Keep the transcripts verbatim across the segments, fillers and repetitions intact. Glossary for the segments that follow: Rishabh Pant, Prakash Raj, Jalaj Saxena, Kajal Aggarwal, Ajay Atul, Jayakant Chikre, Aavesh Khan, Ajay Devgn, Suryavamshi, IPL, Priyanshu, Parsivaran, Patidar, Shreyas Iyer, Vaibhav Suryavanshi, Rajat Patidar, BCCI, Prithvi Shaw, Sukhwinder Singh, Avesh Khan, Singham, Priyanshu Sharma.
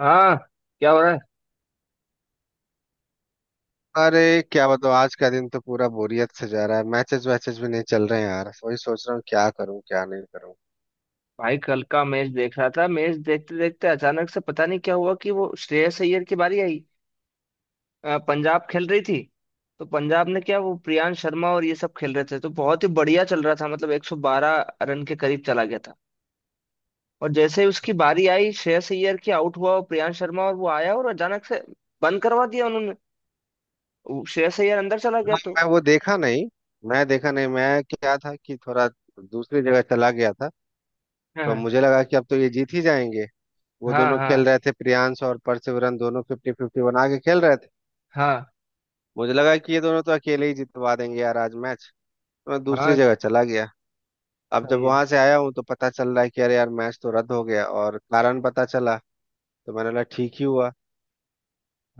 हाँ। क्या हो रहा है? अरे क्या बताओ आज का दिन तो पूरा बोरियत से जा रहा है। मैचेस वैचेस भी नहीं चल रहे हैं यार। वही सोच रहा हूँ क्या करूँ क्या नहीं करूँ। भाई, कल का मैच देख रहा था। मैच देखते देखते अचानक से पता नहीं क्या हुआ कि वो श्रेयस अय्यर की बारी आई। अ, पंजाब खेल रही थी। तो पंजाब ने क्या, वो प्रियांश शर्मा और ये सब खेल रहे थे, तो बहुत ही बढ़िया चल रहा था, मतलब एक सौ बारह रन के करीब चला गया था। और जैसे ही उसकी बारी आई श्रेयस अय्यर की, आउट हुआ। और प्रियांश शर्मा, और वो आया और अचानक से बंद करवा दिया उन्होंने। वो श्रेयस अय्यर अंदर चला गया तो। मैं वो देखा नहीं। मैं देखा नहीं, मैं क्या था कि थोड़ा दूसरी जगह चला गया था। तो हाँ, मुझे लगा कि अब तो ये जीत ही जाएंगे। वो हाँ, दोनों हाँ, खेल रहे थे, प्रियांश और परसिवरन, दोनों फिफ्टी फिफ्टी बना के खेल रहे थे। हाँ, मुझे लगा कि ये दोनों तो अकेले ही जितवा देंगे यार आज मैच। तो मैं दूसरी हाँ, जगह चला गया। अब जब सही है। वहां से आया हूँ तो पता चल रहा है कि अरे यार मैच तो रद्द हो गया, और कारण पता चला तो मैंने बोला ठीक ही हुआ।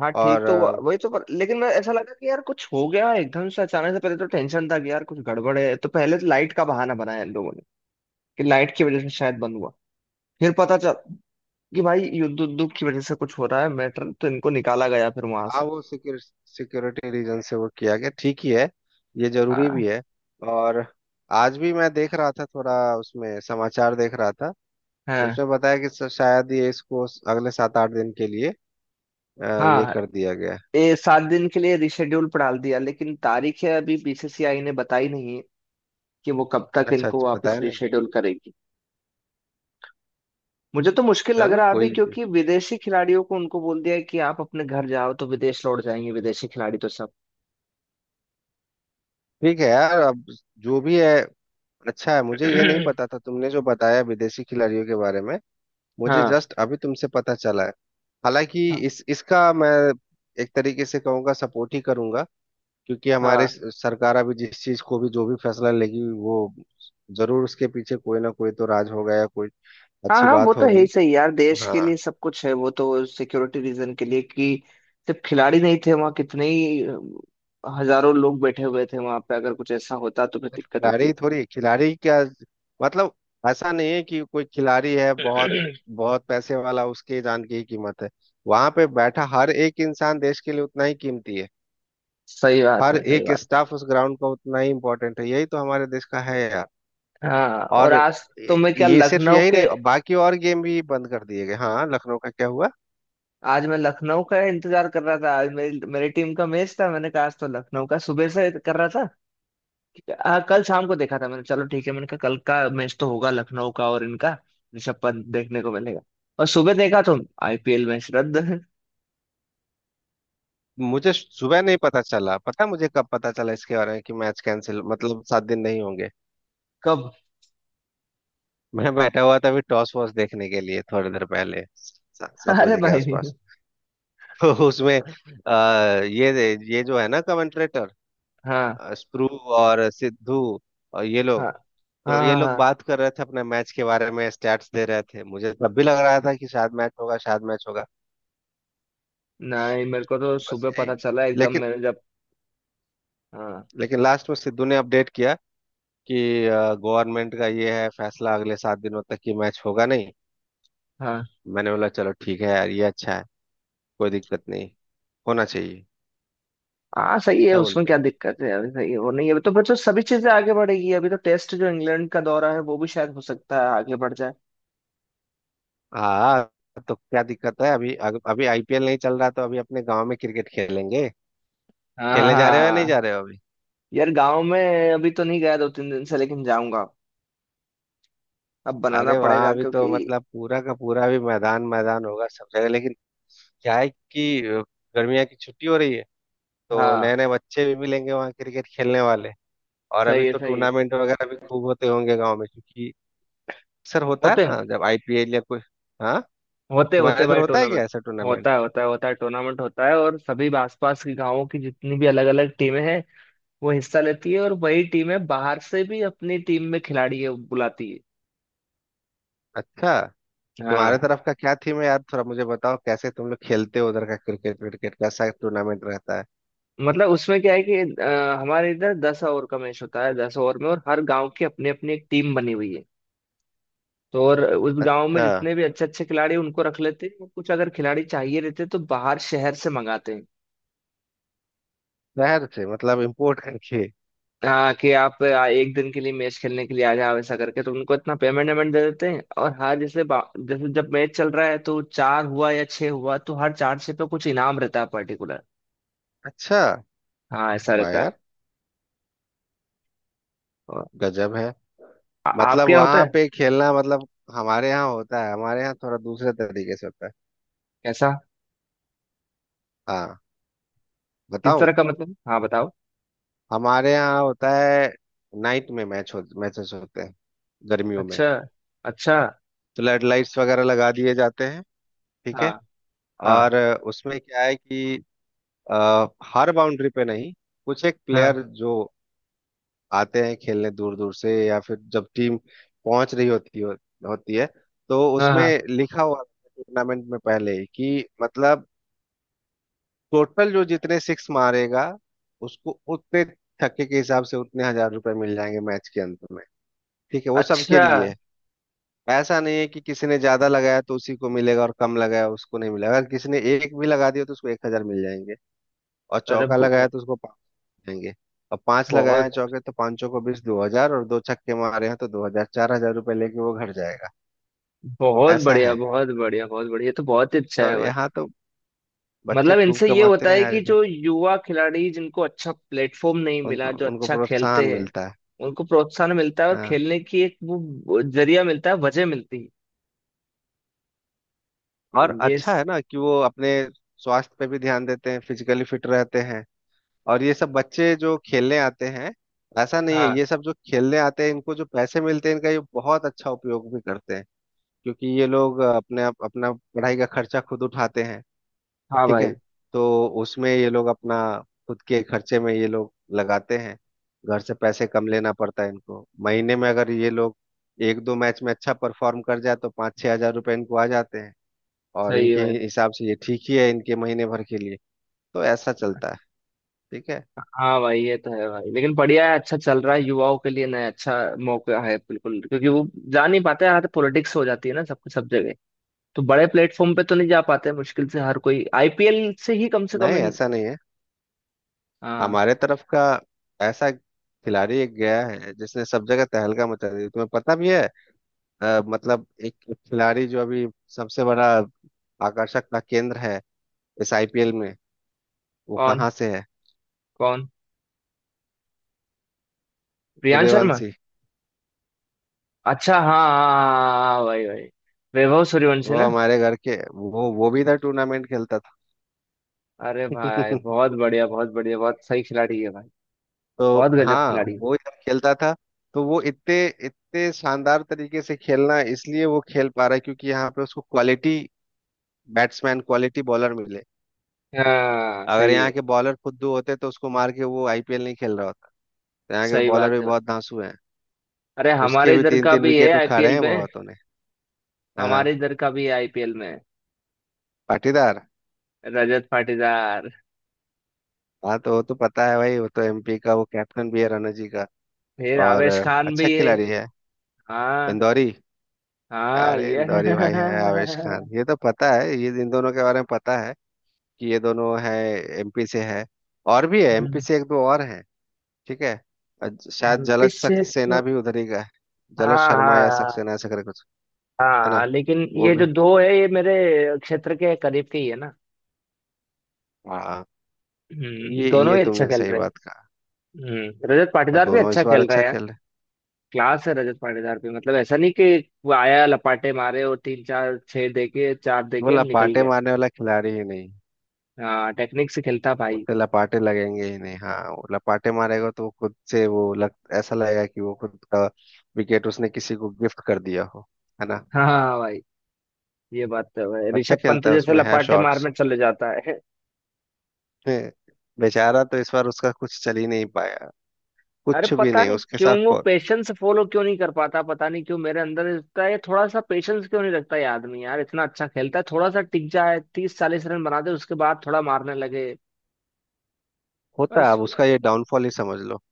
हाँ ठीक तो हुआ- और वही तो। पर लेकिन मैं ऐसा लगा कि यार कुछ हो गया एकदम से अचानक से। पहले तो टेंशन था कि यार कुछ गड़बड़ है। तो पहले तो लाइट का बहाना बनाया इन लोगों ने, कि लाइट की वजह से शायद बंद हुआ। फिर पता चल कि भाई युद्ध उद्योग की वजह से कुछ हो रहा है मैटर, तो इनको निकाला गया फिर वहां हाँ, से। वो सिक्योर, सिक्योरिटी रीजन से वो किया गया, ठीक ही है। ये जरूरी हाँ, भी है। और आज भी मैं देख रहा था थोड़ा, उसमें समाचार देख रहा था। तो हाँ, उसमें बताया कि स- शायद ये इसको अगले सात आठ दिन के लिए अ, ये हाँ। कर दिया गया है। ये सात दिन के लिए रिशेड्यूल पर डाल दिया, लेकिन तारीख है अभी बीसीसीआई ने बताई नहीं है कि वो कब तक अच्छा इनको अच्छा, वापस बताया नहीं। रिशेड्यूल करेगी। मुझे तो मुश्किल लग चलो रहा है अभी, कोई, क्योंकि विदेशी खिलाड़ियों को उनको बोल दिया है कि आप अपने घर जाओ, तो विदेश लौट जाएंगे विदेशी खिलाड़ी तो सब। ठीक है यार अब जो भी है। अच्छा है, मुझे ये नहीं पता था तुमने जो बताया विदेशी खिलाड़ियों के बारे में। मुझे हाँ, जस्ट अभी तुमसे पता चला है। हालांकि हाँ, इस इसका मैं एक तरीके से कहूँगा, सपोर्ट ही करूँगा, क्योंकि हमारे हाँ, स- सरकार अभी जिस चीज को भी, जो भी फैसला लेगी वो जरूर उसके पीछे कोई ना कोई तो राज होगा या कोई हाँ, अच्छी हाँ, वो बात तो है ही होगी। सही यार, देश के लिए हाँ, सब कुछ है। वो तो सिक्योरिटी रीजन के लिए कि सिर्फ खिलाड़ी नहीं थे वहाँ, कितने ही अ, हजारों लोग बैठे हुए थे वहां पे, अगर कुछ ऐसा होता तो फिर बिल्कुल। दिक्कत होती। खिलाड़ी थोड़ी, खिलाड़ी क्या मतलब, ऐसा नहीं है कि कोई खिलाड़ी है बहुत बहुत पैसे वाला उसके जान की ही कीमत है। वहां पे बैठा हर एक इंसान देश के लिए उतना ही कीमती है। सही बात हर है, सही एक बात स्टाफ उस ग्राउंड का उतना ही इम्पोर्टेंट है, यही तो हमारे देश का है यार। है। हाँ, और और आज तो ये मैं क्या ये सिर्फ लखनऊ यही के, नहीं, बाकी और गेम भी बंद कर दिए गए। हाँ, लखनऊ का क्या हुआ। आज मैं लखनऊ का इंतजार कर रहा था। आज मेरी मेरी टीम का मैच था। मैंने कहा आज तो लखनऊ का सुबह से कर रहा था। आ, कल शाम को देखा था मैंने, चलो ठीक है। मैंने कहा कल का मैच तो होगा लखनऊ का, और इनका ऋषभ पंत देखने को मिलेगा। और सुबह देखा तो आईपीएल मैच रद्द। मुझे सुबह नहीं पता चला। पता है मुझे कब पता चला इसके बारे में कि मैच कैंसिल, मतलब सात दिन नहीं होंगे। कब? मैं बैठा हुआ था अभी टॉस वॉस देखने के लिए थोड़ी देर पहले, सा- सात अरे बजे के भाई! आसपास। तो उसमें आ, ये ये जो है ना कमेंट्रेटर हाँ, स्प्रू और सिद्धू और ये हाँ, लोग, हाँ, तो ये हाँ, लोग हाँ। बात कर रहे थे अपने मैच के बारे में, स्टैट्स दे रहे थे। मुझे तब भी लग रहा था कि शायद मैच होगा, शायद मैच होगा। नहीं, मेरे को तो बस सुबह यही। पता चला एकदम लेकिन मैंने जब। हाँ, लेकिन लास्ट में सिद्धू ने अपडेट किया कि गवर्नमेंट का ये है फैसला, अगले सात दिनों तक कि मैच होगा नहीं। हाँ, मैंने बोला चलो ठीक है यार, ये अच्छा है। कोई दिक्कत नहीं, होना चाहिए। हाँ। सही है, क्या उसमें बोलते क्या हो। दिक्कत है अभी। सही है, वो नहीं है अभी, तो बच्चों सभी चीजें आगे बढ़ेगी। अभी तो टेस्ट जो इंग्लैंड का दौरा है वो भी शायद हो सकता है आगे बढ़ जाए। हाँ, तो क्या दिक्कत है अभी, अग- अभी आईपीएल नहीं चल रहा तो अभी अपने गांव में क्रिकेट खेलेंगे। खेलने जा रहे हो या नहीं हाँ, जा रहे हो अभी? यार गांव में अभी तो नहीं गया दो तीन दिन से, लेकिन जाऊंगा। अब बनाना अरे वहां पड़ेगा अभी तो क्योंकि। मतलब पूरा का पूरा भी मैदान मैदान होगा सब जगह, लेकिन क्या है कि अ, गर्मियाँ की छुट्टी हो रही है तो हाँ, नए नए बच्चे भी मिलेंगे वहाँ क्रिकेट खेलने वाले। और अभी सही है, तो सही है। टूर्नामेंट वगैरह भी खूब होते होंगे गांव में, क्योंकि अक्सर होता है होते ना जब आईपीएल या कोई। हाँ, होते होते तुम्हारे इधर भाई होता है क्या टूर्नामेंट। ऐसा टूर्नामेंट? होता है, होता है, होता है टूर्नामेंट होता है। और सभी आसपास के गांवों की जितनी भी अलग अलग टीमें हैं वो हिस्सा लेती है, और वही टीमें बाहर से भी अपनी टीम में खिलाड़ी है- बुलाती है। अच्छा, हाँ, तुम्हारे तरफ का क्या थीम है यार, थोड़ा मुझे बताओ कैसे तुम लोग खेलते हो उधर का क्रिकेट क्रिकेट कैसा टूर्नामेंट रहता है। मतलब उसमें क्या है कि अ, हमारे इधर दस ओवर का मैच होता है, दस ओवर में, और हर गांव की अपनी अपनी एक टीम बनी हुई है। तो और उस गांव में अच्छा, जितने भी अच्छे अच्छे खिलाड़ी हैं, उनको रख लेते हैं, और कुछ अगर खिलाड़ी चाहिए रहते हैं, तो बाहर शहर से मंगाते हैं। शहर से मतलब इम्पोर्ट करके? हाँ, कि आप आ, एक दिन के लिए मैच खेलने के लिए आ जाओ, ऐसा करके, तो उनको इतना पेमेंट वेमेंट दे देते हैं। और हर जैसे बा- जैसे जब मैच चल रहा है तो चार हुआ या छह हुआ, तो हर चार छह पे कुछ इनाम रहता है पर्टिकुलर। अच्छा, हाँ, ऐसा वाह रहता है। यार, और गजब है। आ, मतलब आपके यहाँ होता वहां है? पे खेलना मतलब, हमारे यहाँ होता है, हमारे यहाँ थोड़ा दूसरे तरीके से होता है। कैसा? हाँ, किस बताऊं? तरह का मतलब, हाँ बताओ। हमारे यहाँ होता है, नाइट में मैच हो, मैचेस होते हैं गर्मियों में, अच्छा, अच्छा। तो लाइट लाइट्स वगैरह लगा दिए जाते हैं। ठीक हाँ, है। हाँ, और उसमें क्या है कि अ, हर बाउंड्री पे नहीं, कुछ एक हाँ, प्लेयर जो आते हैं खेलने दूर दूर से, या फिर जब टीम पहुंच रही होती हो, होती है, तो हाँ, हाँ। उसमें लिखा हुआ टूर्नामेंट में पहले ही कि मतलब टोटल जो जितने सिक्स मारेगा उसको उतने छक्के के हिसाब से उतने हजार रुपए मिल जाएंगे मैच के अंत में। ठीक है, वो सबके अच्छा। लिए है। ऐसा नहीं है कि किसी ने ज्यादा लगाया तो उसी को मिलेगा और कम लगाया उसको नहीं मिलेगा, अगर किसी ने एक भी लगा दिया तो उसको एक हजार मिल जाएंगे। और अरे चौका लगाया बहु- तो उसको पाँच देंगे। और पांच लगाए हैं बहुत चौके तो पांचों को बीस, दो हजार, और दो छक्के मारे हैं तो दो हजार चार हजार रुपये लेके वो घर जाएगा। बहुत ऐसा बढ़िया, है बहुत बढ़िया, बहुत बढ़िया, ये तो बहुत ही अच्छा है तो भाई। यहाँ तो बच्चे मतलब खूब इनसे ये कमाते होता हैं है यार कि इधर। जो युवा खिलाड़ी जिनको अच्छा प्लेटफॉर्म नहीं मिला, उनको जो उनको अच्छा खेलते प्रोत्साहन हैं मिलता है। उनको प्रोत्साहन मिलता है, और हाँ, खेलने की एक वो जरिया मिलता है, वजह मिलती है और ये अच्छा स- है ना कि वो अपने स्वास्थ्य पे भी ध्यान देते हैं, फिजिकली फिट रहते हैं। और ये सब बच्चे जो खेलने आते हैं, ऐसा नहीं है, हाँ, ये सब जो खेलने आते हैं इनको जो पैसे मिलते हैं इनका ये बहुत अच्छा उपयोग भी करते हैं। क्योंकि ये लोग अपने अपना पढ़ाई का खर्चा खुद उठाते हैं। हाँ ठीक है, भाई, तो उसमें ये लोग अपना खुद के खर्चे में ये लोग लगाते हैं। घर से पैसे कम लेना पड़ता है इनको महीने में, अगर ये लोग एक दो मैच में अच्छा परफॉर्म कर जाए तो पाँच छह हजार रुपये इनको आ जाते हैं। और सही है इनके भाई। हिसाब से ये ठीक ही है इनके महीने भर के लिए। तो ऐसा चलता है, ठीक है। हाँ भाई, ये तो है भाई, लेकिन बढ़िया है। अच्छा चल रहा है युवाओं के लिए, नया अच्छा मौका है बिल्कुल। क्योंकि वो जा नहीं पाते, यहाँ तो पॉलिटिक्स हो जाती है ना सब कुछ, सब जगह। तो बड़े प्लेटफॉर्म पे तो नहीं जा पाते, मुश्किल से हर कोई आईपीएल से ही कम से कम नहीं, इन- ऐसा नहीं है, हाँ। हमारे तरफ का ऐसा खिलाड़ी एक गया है जिसने सब जगह तहलका मचा दी, तुम्हें पता भी है। अ, मतलब एक खिलाड़ी जो अभी सबसे बड़ा आकर्षक का केंद्र है इस आईपीएल में, वो कौन? कहाँ से है? कौन? प्रियांश शर्मा। सूर्यवंशी। अच्छा, हाँ, हाँ, हाँ, भाई भाई। वैभव सूर्यवंशी वो ना। हमारे घर के, वो वो भी इधर टूर्नामेंट खेलता था। अरे भाई बहुत बढ़िया, बहुत बढ़िया, बहुत सही खिलाड़ी है भाई। तो बहुत गजब हाँ, खिलाड़ी है। वो इधर खेलता था। तो वो इतने इतने शानदार तरीके से खेलना, इसलिए वो खेल पा रहा है क्योंकि यहाँ पे उसको क्वालिटी बैट्समैन, क्वालिटी बॉलर मिले। हाँ अगर सही यहाँ है। के बॉलर फुद्दू होते तो उसको मार के वो आईपीएल नहीं खेल रहा होता। तो यहाँ के सही बॉलर भी बात है। बहुत धांसू हैं, अरे उसके हमारे भी इधर तीन का तीन भी है विकेट उखा रहे आईपीएल हैं में। बहुतों ने। हमारे हाँ, इधर का भी है आईपीएल में। पाटीदार। रजत पाटीदार। हाँ, तो वो तो पता है भाई, वो तो एमपी का वो कैप्टन भी है रणजी का। फिर और आवेश खान अच्छा भी है। खिलाड़ी है, हाँ, इंदौरी। हाँ अरे ये। इंदौरी भाई है आवेश खान, ये तो पता है, ये इन दोनों के बारे में पता है कि ये दोनों है एमपी से, है और भी है एमपी से, एक दो और हैं। ठीक है। अ, शायद एमपी जलज से तो। सक्सेना भी उधर ही का है, जलज हाँ, शर्मा या हाँ, सक्सेना ऐसा करके कुछ, है ना। हाँ, लेकिन वो ये भी। जो दो है, ये मेरे क्षेत्र के करीब के ही है ना। हाँ, हम्म, ये दोनों ये ही अच्छा तुमने खेल सही रहे हैं। बात कहा। हम्म, रजत और पाटीदार भी दोनों अच्छा इस बार खेल रहा अच्छा है यार। खेल रहे। क्लास है रजत पाटीदार भी, मतलब ऐसा नहीं कि वो आया लपाटे मारे और तीन चार छह देके, चार देके बोला निकल पाटे गया। मारने वाला खिलाड़ी ही नहीं, हाँ, टेक्निक से खेलता भाई। उससे लपाटे लगेंगे ही नहीं। हाँ वो लपाटे मारेगा तो वो खुद से वो लग, ऐसा लगेगा कि वो खुद का विकेट उसने किसी को गिफ्ट कर दिया हो, है ना। हाँ भाई, ये बात तो है। अच्छा ऋषभ पंत खेलता है, जैसे उसमें है लपाटे शॉट्स। मारने चले जाता है। बेचारा तो इस बार उसका कुछ चल ही नहीं पाया, अरे कुछ भी पता नहीं नहीं उसके क्यों साथ। वो प- पेशेंस फॉलो क्यों नहीं कर पाता, पता नहीं क्यों मेरे अंदर इतना ये, थोड़ा सा पेशेंस क्यों नहीं रखता ये आदमी यार। इतना अच्छा खेलता है, थोड़ा सा टिक जाए तीस चालीस रन बना दे, उसके बाद थोड़ा मारने लगे। होता है, बस। अब उसका ये डाउनफॉल ही समझ लो।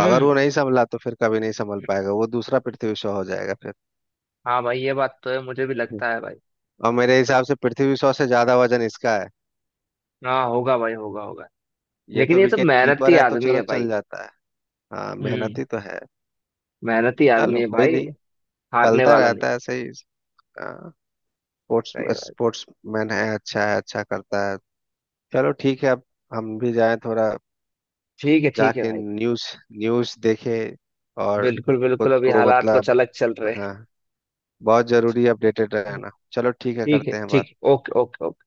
अगर वो नहीं संभला तो फिर कभी नहीं संभल पाएगा, वो दूसरा पृथ्वी शॉ हो जाएगा फिर। हाँ भाई ये बात तो है, मुझे भी हम्म। लगता है भाई। और मेरे पर- हिसाब से पृथ्वी शॉ से ज्यादा वजन इसका है। हाँ होगा भाई, होगा, होगा। ये तो लेकिन ये तो विकेट कीपर मेहनती है तो आदमी चलो है चल भाई। जाता है। हाँ, हम्म, मेहनती तो है। मेहनती आदमी चलो है कोई भाई। नहीं, हारने चलता वाला नहीं। रहता है सही। स्पोर्ट्स सही बात। स्पोर्ट्स मैन है, अच्छा है, अच्छा करता है। चलो ठीक है अब हम भी जाएं थोड़ा, ठीक है, ठीक है जाके भाई। न्यूज़ न्यूज़ देखे। और बिल्कुल बिल्कुल, खुद अभी को हालात मतलब, कुछ अलग चल रहे हाँ, बहुत जरूरी अपडेटेड हैं। रहना। चलो ठीक है, ठीक है, करते हैं ठीक बात। है, ओके, ओके।